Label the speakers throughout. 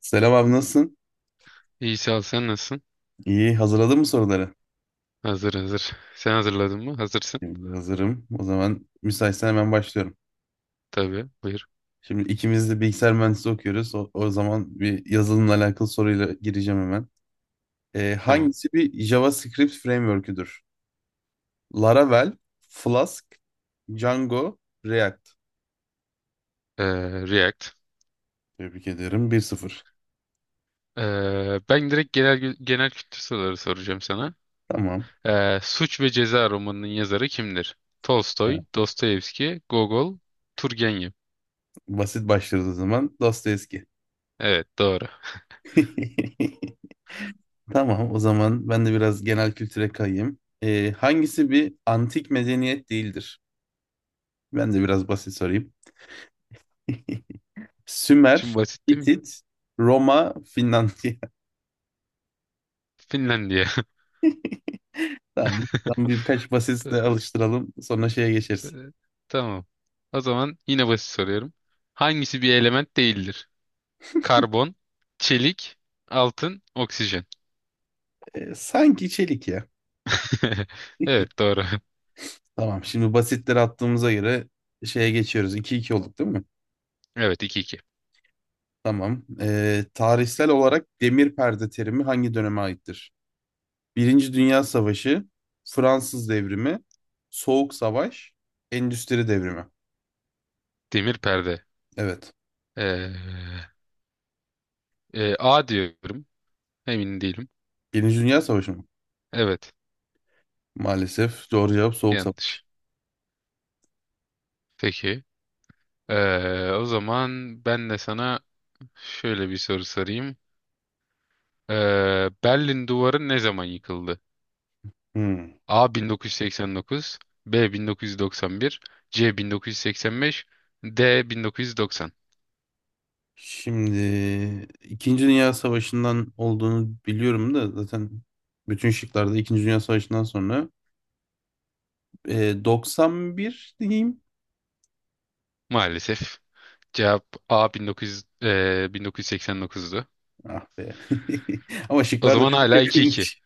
Speaker 1: Selam abi nasılsın?
Speaker 2: İyi sağ ol. Sen nasılsın?
Speaker 1: İyi, hazırladın mı soruları?
Speaker 2: Hazır hazır. Sen hazırladın mı? Hazırsın.
Speaker 1: Şimdi hazırım. O zaman müsaitsen hemen başlıyorum.
Speaker 2: Tabii. Buyur.
Speaker 1: Şimdi ikimiz de bilgisayar mühendisliği okuyoruz. O zaman bir yazılımla alakalı soruyla gireceğim hemen. Ee,
Speaker 2: Tamam.
Speaker 1: hangisi bir JavaScript framework'üdür? Laravel, Flask, Django, React.
Speaker 2: Ee, React.
Speaker 1: Tebrik ederim. 1-0.
Speaker 2: Ben direkt genel kültür soruları soracağım sana.
Speaker 1: Tamam.
Speaker 2: Suç ve Ceza romanının yazarı kimdir?
Speaker 1: Evet,
Speaker 2: Tolstoy, Dostoyevski, Gogol, Turgenev.
Speaker 1: basit başlıyoruz o zaman. Dostoyevski.
Speaker 2: Evet, doğru.
Speaker 1: Tamam, o zaman ben de biraz genel kültüre kayayım. Hangisi bir antik medeniyet değildir? Ben de biraz basit sorayım.
Speaker 2: Şimdi
Speaker 1: Sümer,
Speaker 2: basit değil mi?
Speaker 1: Hitit, Roma, Finlandiya.
Speaker 2: Finlandiya.
Speaker 1: Tamam. Tamam, birkaç basitle
Speaker 2: Ta-
Speaker 1: alıştıralım. Sonra şeye
Speaker 2: e,
Speaker 1: geçeriz.
Speaker 2: Tamam. O zaman yine basit soruyorum. Hangisi bir element değildir? Karbon, çelik, altın, oksijen.
Speaker 1: Sanki çelik ya.
Speaker 2: Evet doğru.
Speaker 1: Tamam. Şimdi basitleri attığımıza göre şeye geçiyoruz. 2 iki olduk değil mi?
Speaker 2: Evet iki iki.
Speaker 1: Tamam. Tarihsel olarak demir perde terimi hangi döneme aittir? Birinci Dünya Savaşı, Fransız Devrimi, Soğuk Savaş, Endüstri Devrimi.
Speaker 2: Demir perde.
Speaker 1: Evet.
Speaker 2: Ee, A diyorum. Emin değilim.
Speaker 1: Birinci Dünya Savaşı mı?
Speaker 2: Evet
Speaker 1: Maalesef doğru cevap Soğuk Savaş.
Speaker 2: yanlış. Peki. O zaman ben de sana şöyle bir soru sorayım. Berlin Duvarı ne zaman yıkıldı?
Speaker 1: Hmm.
Speaker 2: A 1989, B 1991, C 1985, D 1990.
Speaker 1: Şimdi İkinci Dünya Savaşı'ndan olduğunu biliyorum da zaten bütün şıklarda İkinci Dünya Savaşı'ndan sonra 91 diyeyim.
Speaker 2: Maalesef cevap A 1900, 1989'du.
Speaker 1: Ah be. Ama
Speaker 2: O
Speaker 1: şıklar da
Speaker 2: zaman
Speaker 1: çok
Speaker 2: hala iki iki.
Speaker 1: yakınmış.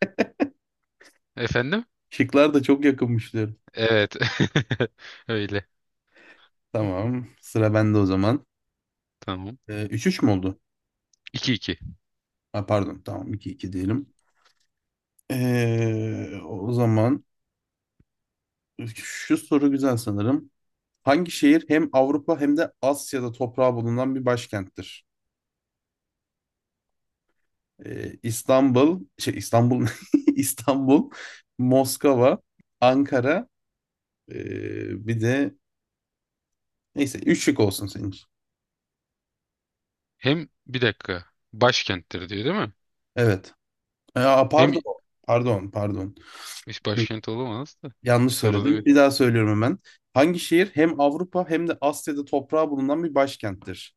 Speaker 2: Efendim?
Speaker 1: Şıklar da çok yakınmış diyorum.
Speaker 2: Evet. Öyle.
Speaker 1: Tamam. Sıra bende o zaman.
Speaker 2: Tamam.
Speaker 1: Üç 3 mü oldu?
Speaker 2: iki iki.
Speaker 1: Ha, pardon. Tamam 2-2 diyelim. O zaman şu soru güzel sanırım. Hangi şehir hem Avrupa hem de Asya'da toprağı bulunan bir başkenttir? İstanbul, İstanbul, İstanbul, Moskova, Ankara, bir de neyse üç şık olsun senin için.
Speaker 2: Hem bir dakika. Başkenttir diyor değil mi?
Speaker 1: Evet. Aa,
Speaker 2: Hem
Speaker 1: pardon, pardon, pardon.
Speaker 2: hiç başkent olamaz da.
Speaker 1: Yanlış
Speaker 2: Sonra da
Speaker 1: söyledim.
Speaker 2: bir.
Speaker 1: Bir daha söylüyorum hemen. Hangi şehir hem Avrupa hem de Asya'da toprağı bulunan bir başkenttir?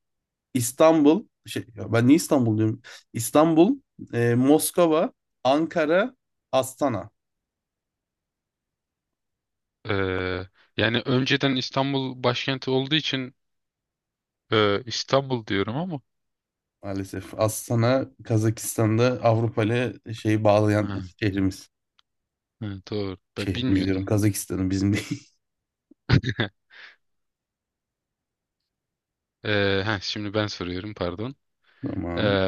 Speaker 1: İstanbul, şey ya ben niye İstanbul diyorum? İstanbul, Moskova, Ankara, Astana.
Speaker 2: Ee, Yani önceden İstanbul başkenti olduğu için İstanbul diyorum ama.
Speaker 1: Maalesef. Astana Kazakistan'da Avrupa ile şeyi bağlayan
Speaker 2: Ha,
Speaker 1: şehrimiz.
Speaker 2: ha, doğru. Ben
Speaker 1: Şehrimiz diyorum.
Speaker 2: bilmiyordum.
Speaker 1: Kazakistan'ın bizim değil.
Speaker 2: Şimdi ben soruyorum, pardon. Ee,
Speaker 1: Tamam.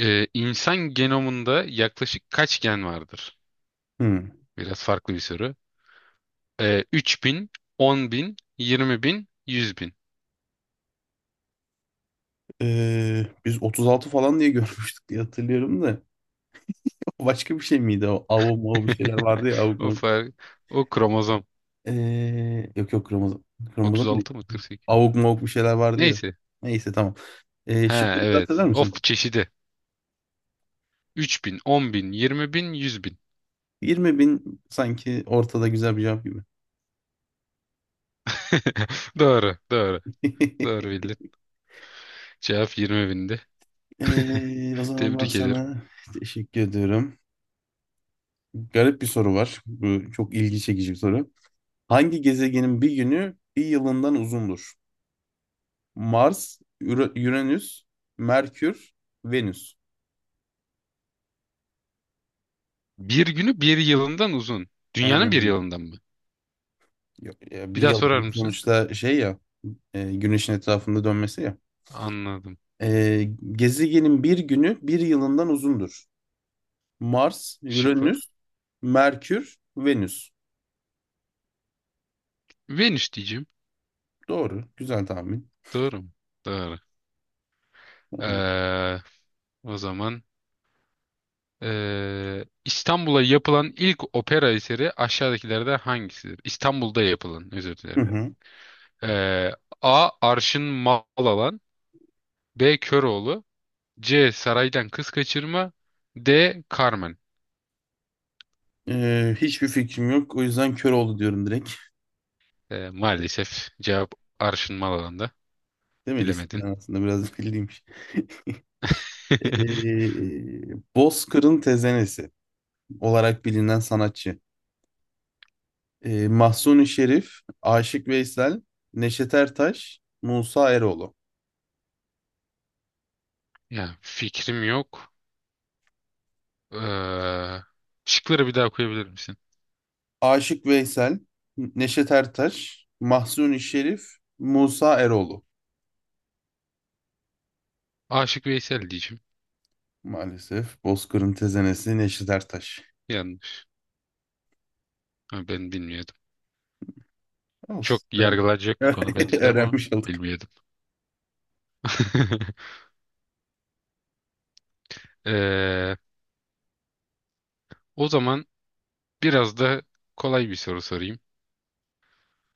Speaker 2: insan genomunda yaklaşık kaç gen vardır?
Speaker 1: Hmm.
Speaker 2: Biraz farklı bir soru. 3000, 10.000, 20.000, 100.000.
Speaker 1: Biz 36 falan diye görmüştük diye hatırlıyorum da. Başka bir şey miydi o? Avuk mavuk bir şeyler vardı ya. Avuk
Speaker 2: O
Speaker 1: mavuk.
Speaker 2: fark. O kromozom.
Speaker 1: Yok yok kromozom. Kromozom değil.
Speaker 2: 36 mı 48?
Speaker 1: Avuk mavuk bir şeyler vardı ya.
Speaker 2: Neyse.
Speaker 1: Neyse tamam. Ee,
Speaker 2: Ha
Speaker 1: şıkları dikkat eder
Speaker 2: evet.
Speaker 1: misin?
Speaker 2: Of çeşidi. 3000, bin, 20.000, bin.
Speaker 1: 20 bin sanki ortada güzel bir cevap gibi.
Speaker 2: Doğru, doğru. Doğru bildin. Cevap 20.000'di.
Speaker 1: O zaman ben
Speaker 2: Tebrik ederim.
Speaker 1: sana teşekkür ediyorum. Garip bir soru var. Bu çok ilgi çekici bir soru. Hangi gezegenin bir günü bir yılından uzundur? Mars, Uranüs, Merkür, Venüs.
Speaker 2: Bir günü bir yılından uzun. Dünyanın
Speaker 1: Aynen
Speaker 2: bir
Speaker 1: öyle.
Speaker 2: yılından mı?
Speaker 1: Ya- ya
Speaker 2: Bir
Speaker 1: bir
Speaker 2: daha
Speaker 1: yıl
Speaker 2: sorar
Speaker 1: dedi
Speaker 2: mısın?
Speaker 1: sonuçta şey ya, Güneş'in etrafında dönmesi ya.
Speaker 2: Anladım.
Speaker 1: E, gezegenin bir günü bir yılından uzundur. Mars, Uranüs,
Speaker 2: Şıklar.
Speaker 1: Merkür, Venüs.
Speaker 2: Venüs diyeceğim.
Speaker 1: Doğru. Güzel tahmin.
Speaker 2: Doğru mu? Doğru.
Speaker 1: Tamam.
Speaker 2: Ee, O zaman İstanbul'a yapılan ilk opera eseri aşağıdakilerden hangisidir? İstanbul'da yapılan, özür
Speaker 1: Hı
Speaker 2: dilerim.
Speaker 1: hı.
Speaker 2: Ee, A. Arşın Malalan B. Köroğlu C. Saraydan Kız Kaçırma D. Carmen.
Speaker 1: Hiçbir fikrim yok. O yüzden kör oldu diyorum.
Speaker 2: Maalesef cevap Arşın Malalan'da.
Speaker 1: Değil mi?
Speaker 2: Bilemedin.
Speaker 1: İsimler aslında biraz bildiymiş. Bozkır'ın tezenesi olarak bilinen sanatçı. Mahsuni Şerif, Aşık Veysel, Neşet Ertaş, Musa Eroğlu.
Speaker 2: Ya fikrim yok. Ee, Şıkları bir daha koyabilir misin?
Speaker 1: Aşık Veysel, Neşet Ertaş, Mahsuni Şerif, Musa Eroğlu.
Speaker 2: Aşık Veysel diyeceğim.
Speaker 1: Maalesef Bozkır'ın tezenesi Neşet Ertaş.
Speaker 2: Yanlış. Ha, ben bilmiyordum. Çok
Speaker 1: Olsun. Öğrenmiş.
Speaker 2: yargılanacak bir konu belki de ama
Speaker 1: Öğrenmiş olduk.
Speaker 2: bilmiyordum. Ee, O zaman biraz da kolay bir soru sorayım.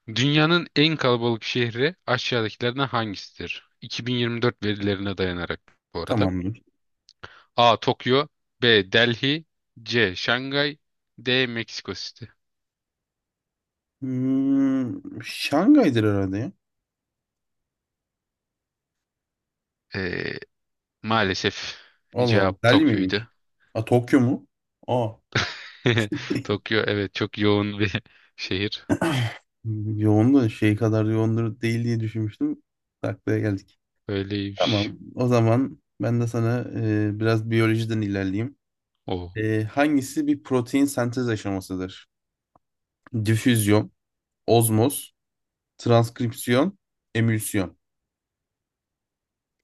Speaker 2: Dünyanın en kalabalık şehri aşağıdakilerden hangisidir? 2024 verilerine dayanarak bu arada.
Speaker 1: Tamamdır.
Speaker 2: A. Tokyo B. Delhi C. Şangay D. Meksiko City.
Speaker 1: Hmm, Şangay'dır herhalde ya.
Speaker 2: Ee, Maalesef
Speaker 1: Allah Allah.
Speaker 2: cevap
Speaker 1: Delhi
Speaker 2: Tokyo'ydu.
Speaker 1: miymiş? A Tokyo mu? Aa.
Speaker 2: Tokyo evet çok yoğun bir şehir.
Speaker 1: Yoğun da şey kadar yoğundur değil diye düşünmüştüm. Taklaya geldik.
Speaker 2: Öyleymiş.
Speaker 1: Tamam. O zaman ben de sana biraz biyolojiden ilerleyeyim.
Speaker 2: O
Speaker 1: Hangisi bir protein sentez aşamasıdır? Difüzyon, ozmoz, transkripsiyon, emülsiyon.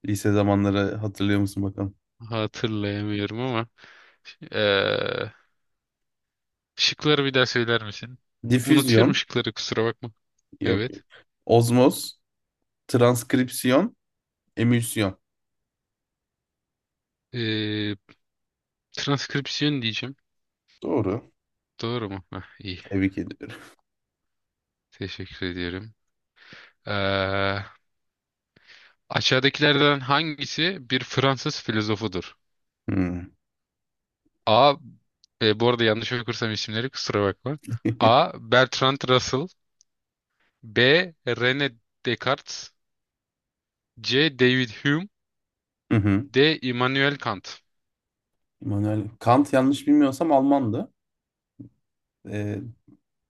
Speaker 1: Lise zamanları hatırlıyor musun bakalım?
Speaker 2: hatırlayamıyorum ama. Şıkları bir daha söyler misin? Unutuyorum
Speaker 1: Difüzyon,
Speaker 2: şıkları, kusura bakma.
Speaker 1: yok. Yok.
Speaker 2: Evet.
Speaker 1: Ozmoz, transkripsiyon, emülsiyon.
Speaker 2: Ee, Transkripsiyon diyeceğim.
Speaker 1: Doğru.
Speaker 2: Doğru mu? Hah, iyi.
Speaker 1: Tebrik ediyorum.
Speaker 2: Teşekkür ediyorum. Ee, Aşağıdakilerden hangisi bir Fransız filozofudur?
Speaker 1: Hmm.
Speaker 2: A. Bu arada yanlış okursam isimleri kusura bakma. A. Bertrand Russell. B. René Descartes. C. David Hume. D. Immanuel Kant.
Speaker 1: Immanuel Kant yanlış bilmiyorsam Almandı. Ee,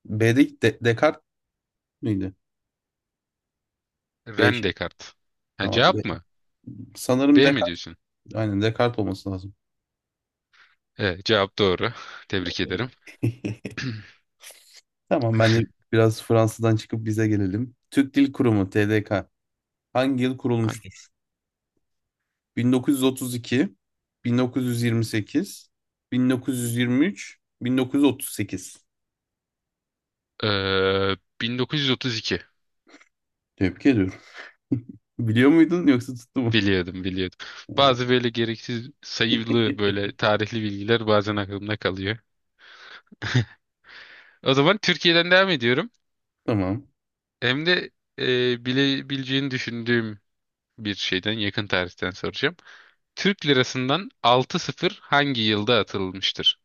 Speaker 1: B'de Descartes miydi? B
Speaker 2: René
Speaker 1: şık.
Speaker 2: Descartes. Ha,
Speaker 1: Tamam. De-
Speaker 2: cevap mı?
Speaker 1: sanırım
Speaker 2: B mi
Speaker 1: Descartes.
Speaker 2: diyorsun?
Speaker 1: Aynen Descartes olması lazım.
Speaker 2: Evet, cevap doğru. Tebrik
Speaker 1: Ee,
Speaker 2: ederim.
Speaker 1: Tamam ben de biraz Fransa'dan çıkıp bize gelelim. Türk Dil Kurumu TDK hangi yıl
Speaker 2: Ay.
Speaker 1: kurulmuştur? 1932, 1928, 1923, 1938.
Speaker 2: Ee, 1932.
Speaker 1: Tebrik ediyorum. Biliyor muydun yoksa tuttu mu?
Speaker 2: Biliyordum, biliyordum.
Speaker 1: Ee,
Speaker 2: Bazı böyle gereksiz sayılı böyle tarihli bilgiler bazen aklımda kalıyor. O zaman Türkiye'den devam ediyorum.
Speaker 1: Tamam.
Speaker 2: Hem de bilebileceğini düşündüğüm bir şeyden, yakın tarihten soracağım. Türk lirasından 6-0 hangi yılda atılmıştır?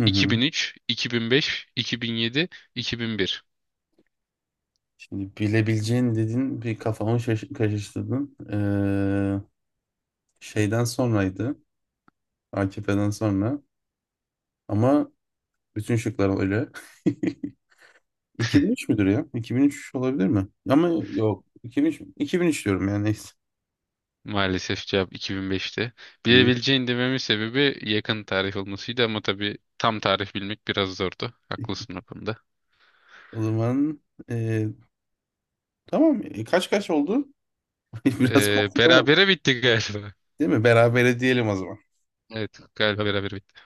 Speaker 1: Hı hı.
Speaker 2: 2003, 2005, 2007, 2001.
Speaker 1: Şimdi bilebileceğin dedin bir kafamı karıştırdın. Şeyden sonraydı. AKP'den sonra. Ama bütün şıklar öyle. 2003 müdür ya? 2003 olabilir mi? Ama yok. 2003, mü? 2003 diyorum yani neyse.
Speaker 2: Maalesef cevap 2005'te.
Speaker 1: 2003.
Speaker 2: Bilebileceğin dememin sebebi yakın tarih olmasıydı ama tabii tam tarih bilmek biraz zordu. Haklısın o konuda.
Speaker 1: O zaman ee, tamam. Kaç kaç oldu? Biraz komik ama
Speaker 2: Berabere bitti galiba.
Speaker 1: değil mi? Berabere diyelim o zaman.
Speaker 2: Evet galiba berabere bitti.